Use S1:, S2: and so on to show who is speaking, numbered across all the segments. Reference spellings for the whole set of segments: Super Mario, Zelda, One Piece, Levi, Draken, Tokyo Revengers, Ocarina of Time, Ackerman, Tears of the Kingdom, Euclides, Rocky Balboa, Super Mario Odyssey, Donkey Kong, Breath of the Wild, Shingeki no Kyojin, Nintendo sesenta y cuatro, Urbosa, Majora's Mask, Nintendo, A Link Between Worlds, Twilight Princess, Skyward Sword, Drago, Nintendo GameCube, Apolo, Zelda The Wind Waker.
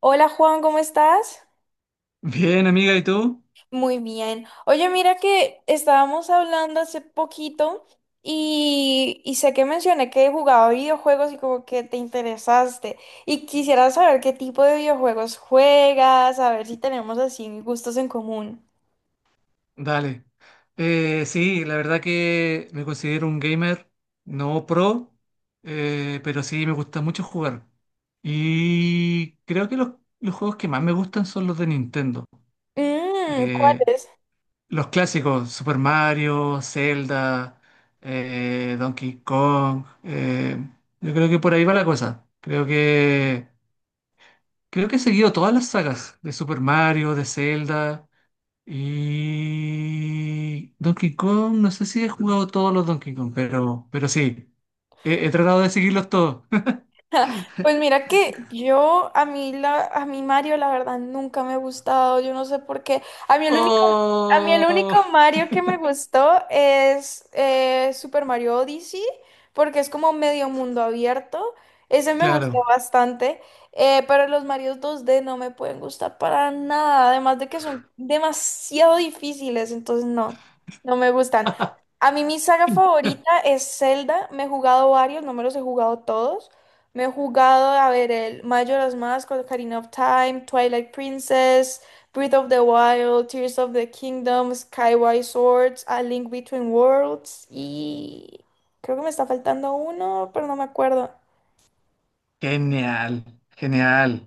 S1: Hola Juan, ¿cómo estás?
S2: Bien, amiga, ¿y tú?
S1: Muy bien. Oye, mira que estábamos hablando hace poquito y sé que mencioné que jugaba videojuegos y como que te interesaste. Y quisiera saber qué tipo de videojuegos juegas, a ver si tenemos así gustos en común.
S2: Dale. Sí, la verdad que me considero un gamer no pro, pero sí me gusta mucho jugar. Y creo que los juegos que más me gustan son los de Nintendo.
S1: Mm,
S2: Eh,
S1: ¿cuáles?
S2: los clásicos, Super Mario, Zelda, Donkey Kong. Yo creo que por ahí va la cosa. Creo que he seguido todas las sagas de Super Mario, de Zelda. Y Donkey Kong, no sé si he jugado todos los Donkey Kong, pero sí, he tratado de seguirlos todos.
S1: Pues mira que yo, a mí, a mí Mario, la verdad, nunca me ha gustado, yo no sé por qué. A mí el único, a mí el
S2: ¡Oh!
S1: único Mario que me gustó es Super Mario Odyssey, porque es como medio mundo abierto. Ese me gustó
S2: Claro.
S1: bastante, pero los Marios 2D no me pueden gustar para nada, además de que son demasiado difíciles, entonces no, no me gustan. A mí mi saga favorita es Zelda, me he jugado varios, no me los he jugado todos. Me he jugado a ver el Majora's Mask, Ocarina of Time, Twilight Princess, Breath of the Wild, Tears of the Kingdom, Skyward Swords, A Link Between Worlds y creo que me está faltando uno, pero no me acuerdo.
S2: Genial, genial,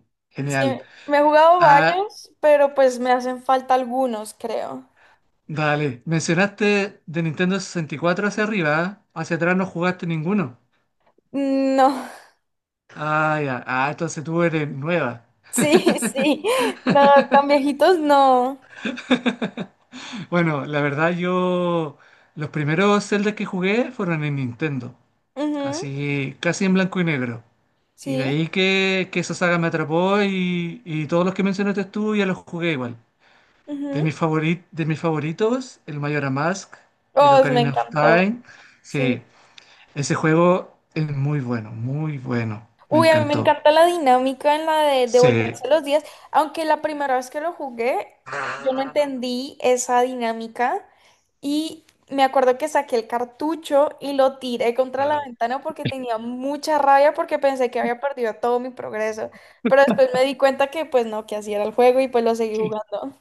S1: Sí,
S2: genial.
S1: me he jugado
S2: Ah,
S1: varios, pero pues me hacen falta algunos, creo.
S2: dale, mencionaste de Nintendo 64 hacia arriba, ¿eh? Hacia atrás no jugaste ninguno.
S1: No,
S2: Ah, ya, ah, entonces tú eres nueva.
S1: sí, sí, no, tan viejitos no.
S2: Bueno, la verdad yo, los primeros Zelda que jugué fueron en Nintendo.
S1: Ujú.
S2: Así casi en blanco y negro. Y de
S1: Sí,
S2: ahí que esa saga me atrapó y todos los que mencionaste tú ya los jugué igual.
S1: ujú.
S2: De mis favoritos, el Majora's Mask, el
S1: Oh, me
S2: Ocarina of
S1: encantó,
S2: Time.
S1: sí.
S2: Sí, ese juego es muy bueno, muy bueno. Me
S1: Uy, a mí me
S2: encantó.
S1: encanta la dinámica en la de
S2: Sí.
S1: devolverse los días, aunque la primera vez que lo jugué, yo no entendí esa dinámica y me acuerdo que saqué el cartucho y lo tiré contra la ventana porque tenía mucha rabia porque pensé que había perdido todo mi progreso, pero después me di cuenta que pues no, que así era el juego y pues lo seguí jugando.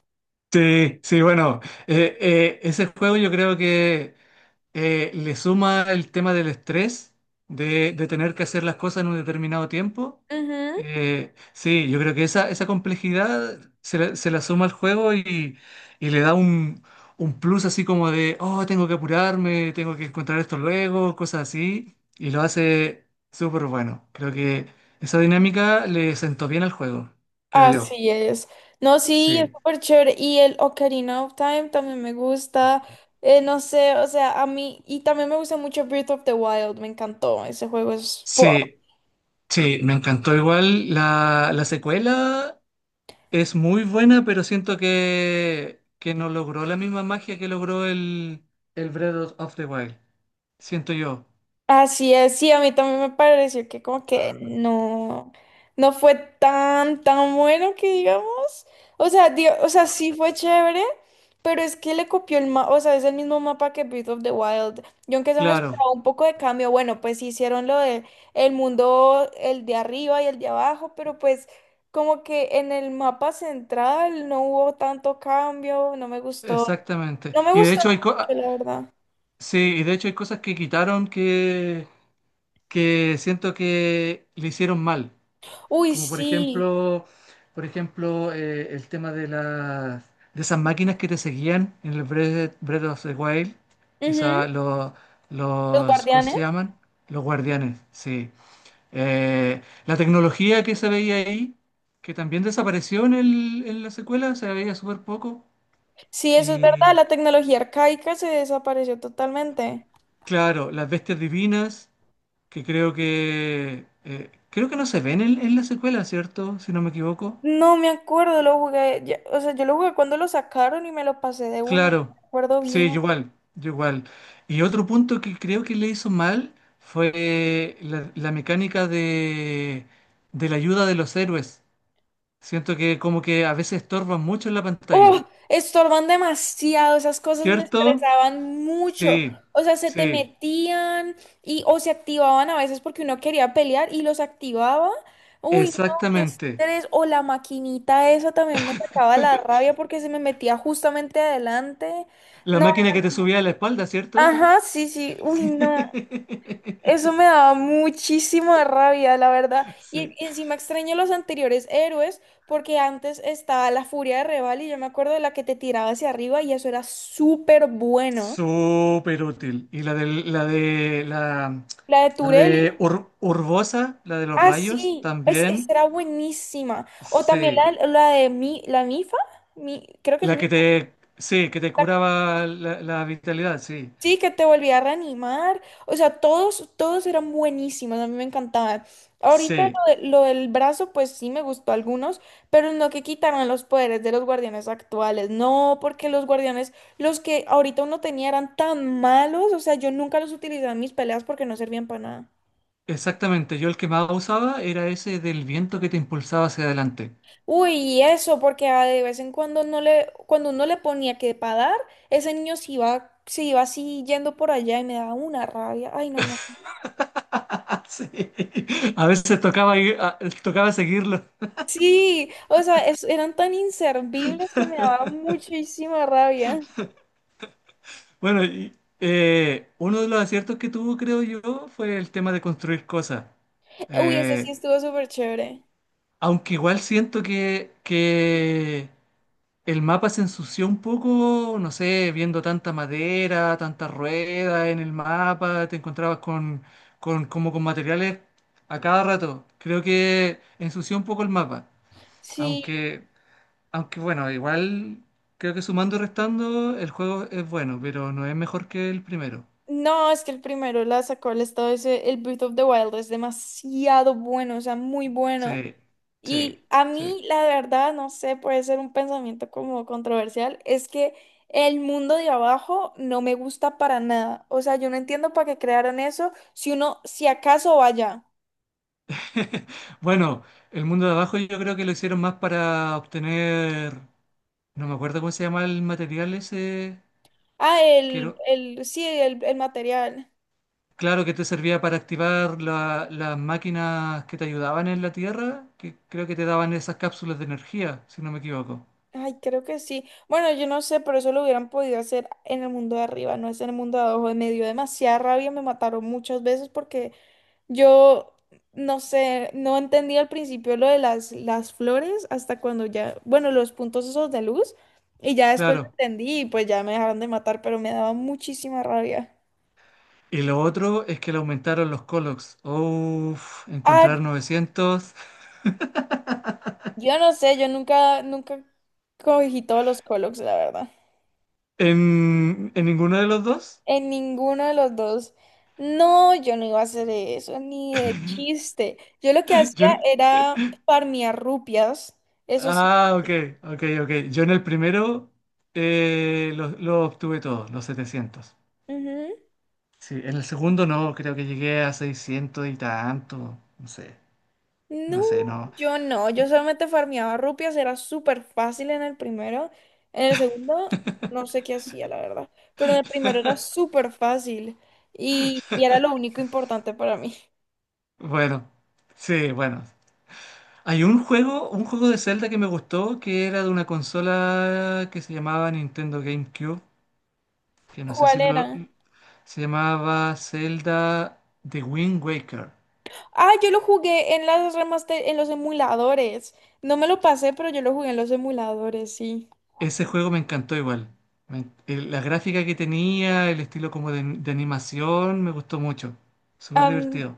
S2: Sí, sí, bueno, ese juego yo creo que le suma el tema del estrés, de tener que hacer las cosas en un determinado tiempo.
S1: Ujú.
S2: Sí, yo creo que esa complejidad se la suma al juego y le da un plus así como de, oh, tengo que apurarme, tengo que encontrar esto luego, cosas así, y lo hace súper bueno. Creo que esa dinámica le sentó bien al juego, creo yo.
S1: Así es. No, sí, es
S2: Sí.
S1: súper chévere. Y el Ocarina of Time también me gusta. No sé, o sea, a mí. Y también me gusta mucho Breath of the Wild. Me encantó. Ese juego es.
S2: Sí, sí, me encantó igual. La secuela es muy buena, pero siento que no logró la misma magia que logró el Breath of the Wild. Siento yo.
S1: Así es, sí, a mí también me pareció que como que no, no fue tan, tan bueno que digamos. O sea, o sea, sí fue chévere, pero es que le copió el mapa, o sea, es el mismo mapa que Breath of the Wild. Yo aunque se me
S2: Claro,
S1: esperaba un poco de cambio, bueno, pues sí hicieron lo de el mundo, el de arriba y el de abajo, pero pues como que en el mapa central no hubo tanto cambio, no me gustó.
S2: exactamente.
S1: No me
S2: Y de
S1: gustó
S2: hecho hay co- ah,
S1: mucho, la verdad.
S2: Sí, y de hecho hay cosas que quitaron que siento que le hicieron mal.
S1: Uy,
S2: Como por
S1: sí.
S2: ejemplo, por ejemplo, el tema de las de esas máquinas que te seguían en el Breath of the Wild, esa, lo-
S1: Los
S2: los, ¿cómo se
S1: guardianes.
S2: llaman? Los guardianes, sí. Eh, la tecnología que se veía ahí, que también desapareció en la secuela, se veía súper poco.
S1: Sí, eso es verdad,
S2: Y
S1: la tecnología arcaica se desapareció totalmente.
S2: claro, las bestias divinas, que creo que creo que no se ven en la secuela, ¿cierto? Si no me equivoco.
S1: No me acuerdo, lo jugué, o sea, yo lo jugué cuando lo sacaron y me lo pasé de una, y no
S2: Claro,
S1: me acuerdo
S2: sí,
S1: bien.
S2: yo igual, yo igual. Y otro punto que creo que le hizo mal fue la mecánica de la ayuda de los héroes. Siento que como que a veces estorban mucho en la pantalla.
S1: ¡Oh! Estorban demasiado, esas cosas me
S2: ¿Cierto?
S1: estresaban mucho.
S2: Sí,
S1: O sea, se te
S2: sí,
S1: metían y o se activaban a veces porque uno quería pelear y los activaba. Uy, no, qué
S2: exactamente.
S1: estrés. O la maquinita esa también me sacaba la rabia porque se me metía justamente adelante.
S2: La
S1: No,
S2: máquina que te subía a la espalda, ¿cierto?
S1: ajá, sí, sí, uy, no, eso me daba muchísima rabia, la verdad. Y,
S2: Sí.
S1: y encima extraño los anteriores héroes, porque antes estaba la furia de Reval y yo me acuerdo de la que te tiraba hacia arriba y eso era súper bueno.
S2: Súper útil. Y la de la de la,
S1: La de
S2: la
S1: Turelli,
S2: de Ur- Urbosa, la de los
S1: ah,
S2: rayos,
S1: sí,
S2: también.
S1: esa era buenísima. O también
S2: Sí,
S1: la de Mi, la Mifa, Mi, creo que es Mifa.
S2: sí, que te curaba la vitalidad, sí,
S1: Sí, que te volví a reanimar. O sea, todos eran buenísimos, a mí me encantaba. Ahorita
S2: sí,
S1: lo del brazo, pues sí me gustó algunos, pero no que quitaran los poderes de los guardianes actuales. No, porque los guardianes, los que ahorita uno tenía eran tan malos. O sea, yo nunca los utilizaba en mis peleas porque no servían para nada.
S2: exactamente. Yo el que más usaba era ese del viento que te impulsaba hacia adelante.
S1: Uy, y eso, porque ah, de vez en cuando no le, cuando uno le ponía que para dar, ese niño se iba así yendo por allá y me daba una rabia. Ay, no, no.
S2: Ah, sí, a veces tocaba, ir- a- tocaba seguirlo.
S1: Sí, o sea, eran tan inservibles que me daba muchísima rabia.
S2: Bueno, uno de los aciertos que tuvo, creo yo, fue el tema de construir cosas.
S1: Uy, ese sí
S2: Eh,
S1: estuvo súper chévere.
S2: Aunque igual siento que el mapa se ensució un poco, no sé, viendo tanta madera, tanta rueda en el mapa, te encontrabas con, como con materiales a cada rato. Creo que ensució un poco el mapa.
S1: Sí,
S2: Aunque, Aunque bueno, igual creo que sumando y restando el juego es bueno, pero no es mejor que el primero.
S1: no, es que el primero la sacó el estado ese, el Breath of the Wild es demasiado bueno, o sea, muy bueno.
S2: Sí, sí,
S1: Y a
S2: sí.
S1: mí, la verdad, no sé, puede ser un pensamiento como controversial, es que el mundo de abajo no me gusta para nada. O sea, yo no entiendo para qué crearon eso, si uno, si acaso vaya.
S2: Bueno, el mundo de abajo yo creo que lo hicieron más para obtener, no me acuerdo cómo se llama el material ese,
S1: Ah,
S2: quiero
S1: sí, el material.
S2: claro que te servía para activar las máquinas que te ayudaban en la Tierra, que creo que te daban esas cápsulas de energía, si no me equivoco.
S1: Ay, creo que sí. Bueno, yo no sé, pero eso lo hubieran podido hacer en el mundo de arriba, no es en el mundo de abajo. Me dio demasiada rabia, me mataron muchas veces porque yo, no sé, no entendía al principio lo de las flores hasta cuando ya, bueno, los puntos esos de luz, y ya después lo
S2: Claro.
S1: entendí y pues ya me dejaron de matar, pero me daba muchísima rabia.
S2: Y lo otro es que le aumentaron los Colox. Uf,
S1: Ah,
S2: encontrar 900
S1: yo no sé, yo nunca cogí todos los Colox, la verdad.
S2: en ninguno de los dos.
S1: En ninguno de los dos. No, yo no iba a hacer eso, ni de chiste. Yo lo que
S2: Yo
S1: hacía
S2: en-
S1: era farmear rupias. Eso sí.
S2: ok, ok. Yo en el primero lo obtuve todo, los 700.
S1: Ujú.
S2: Sí, en el segundo no, creo que llegué a 600 y tanto. No sé,
S1: No,
S2: no.
S1: yo no. Yo solamente farmeaba rupias. Era súper fácil en el primero. En el segundo, no sé qué hacía, la verdad. Pero en el primero era súper fácil. Y era lo único importante para mí.
S2: Bueno, sí, bueno. Hay un juego de Zelda que me gustó, que era de una consola que se llamaba Nintendo GameCube, que no sé
S1: ¿Cuál
S2: si lo...
S1: era?
S2: Se llamaba Zelda The Wind Waker.
S1: Ah, yo lo jugué en las remaster, en los emuladores. No me lo pasé, pero yo lo jugué en los emuladores, sí.
S2: Ese juego me encantó igual. La gráfica que tenía, el estilo como de animación, me gustó mucho. Súper
S1: Am,
S2: divertido.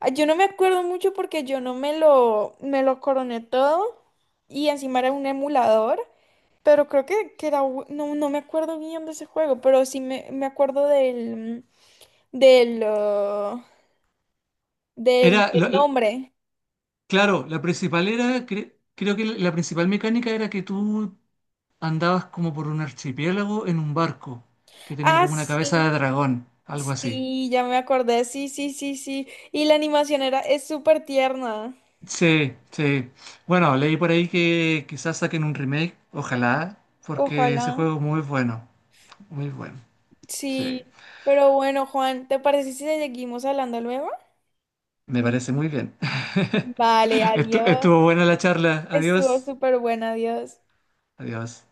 S1: ah, yo no me acuerdo mucho porque yo no me lo, me lo coroné todo y encima era un emulador, pero creo que era, no, no me acuerdo bien de ese juego, pero sí me acuerdo del, ah,
S2: Era,
S1: del
S2: lo-
S1: nombre.
S2: claro, la principal era, cre- Creo que la principal mecánica era que tú andabas como por un archipiélago en un barco que tenía
S1: Ah,
S2: como una cabeza de
S1: sí,
S2: dragón, algo así.
S1: sí, ya me acordé, sí, sí, sí, sí. Y la animación era, es súper tierna.
S2: Sí, sí. Bueno, leí por ahí que quizás saquen un remake, ojalá, porque
S1: Ojalá.
S2: ese juego es muy bueno, muy bueno. Sí,
S1: Sí, pero bueno, Juan, ¿te parece si seguimos hablando luego?
S2: me parece muy bien.
S1: Vale, adiós.
S2: Estuvo buena la charla.
S1: Estuvo
S2: Adiós,
S1: súper buena, adiós.
S2: adiós.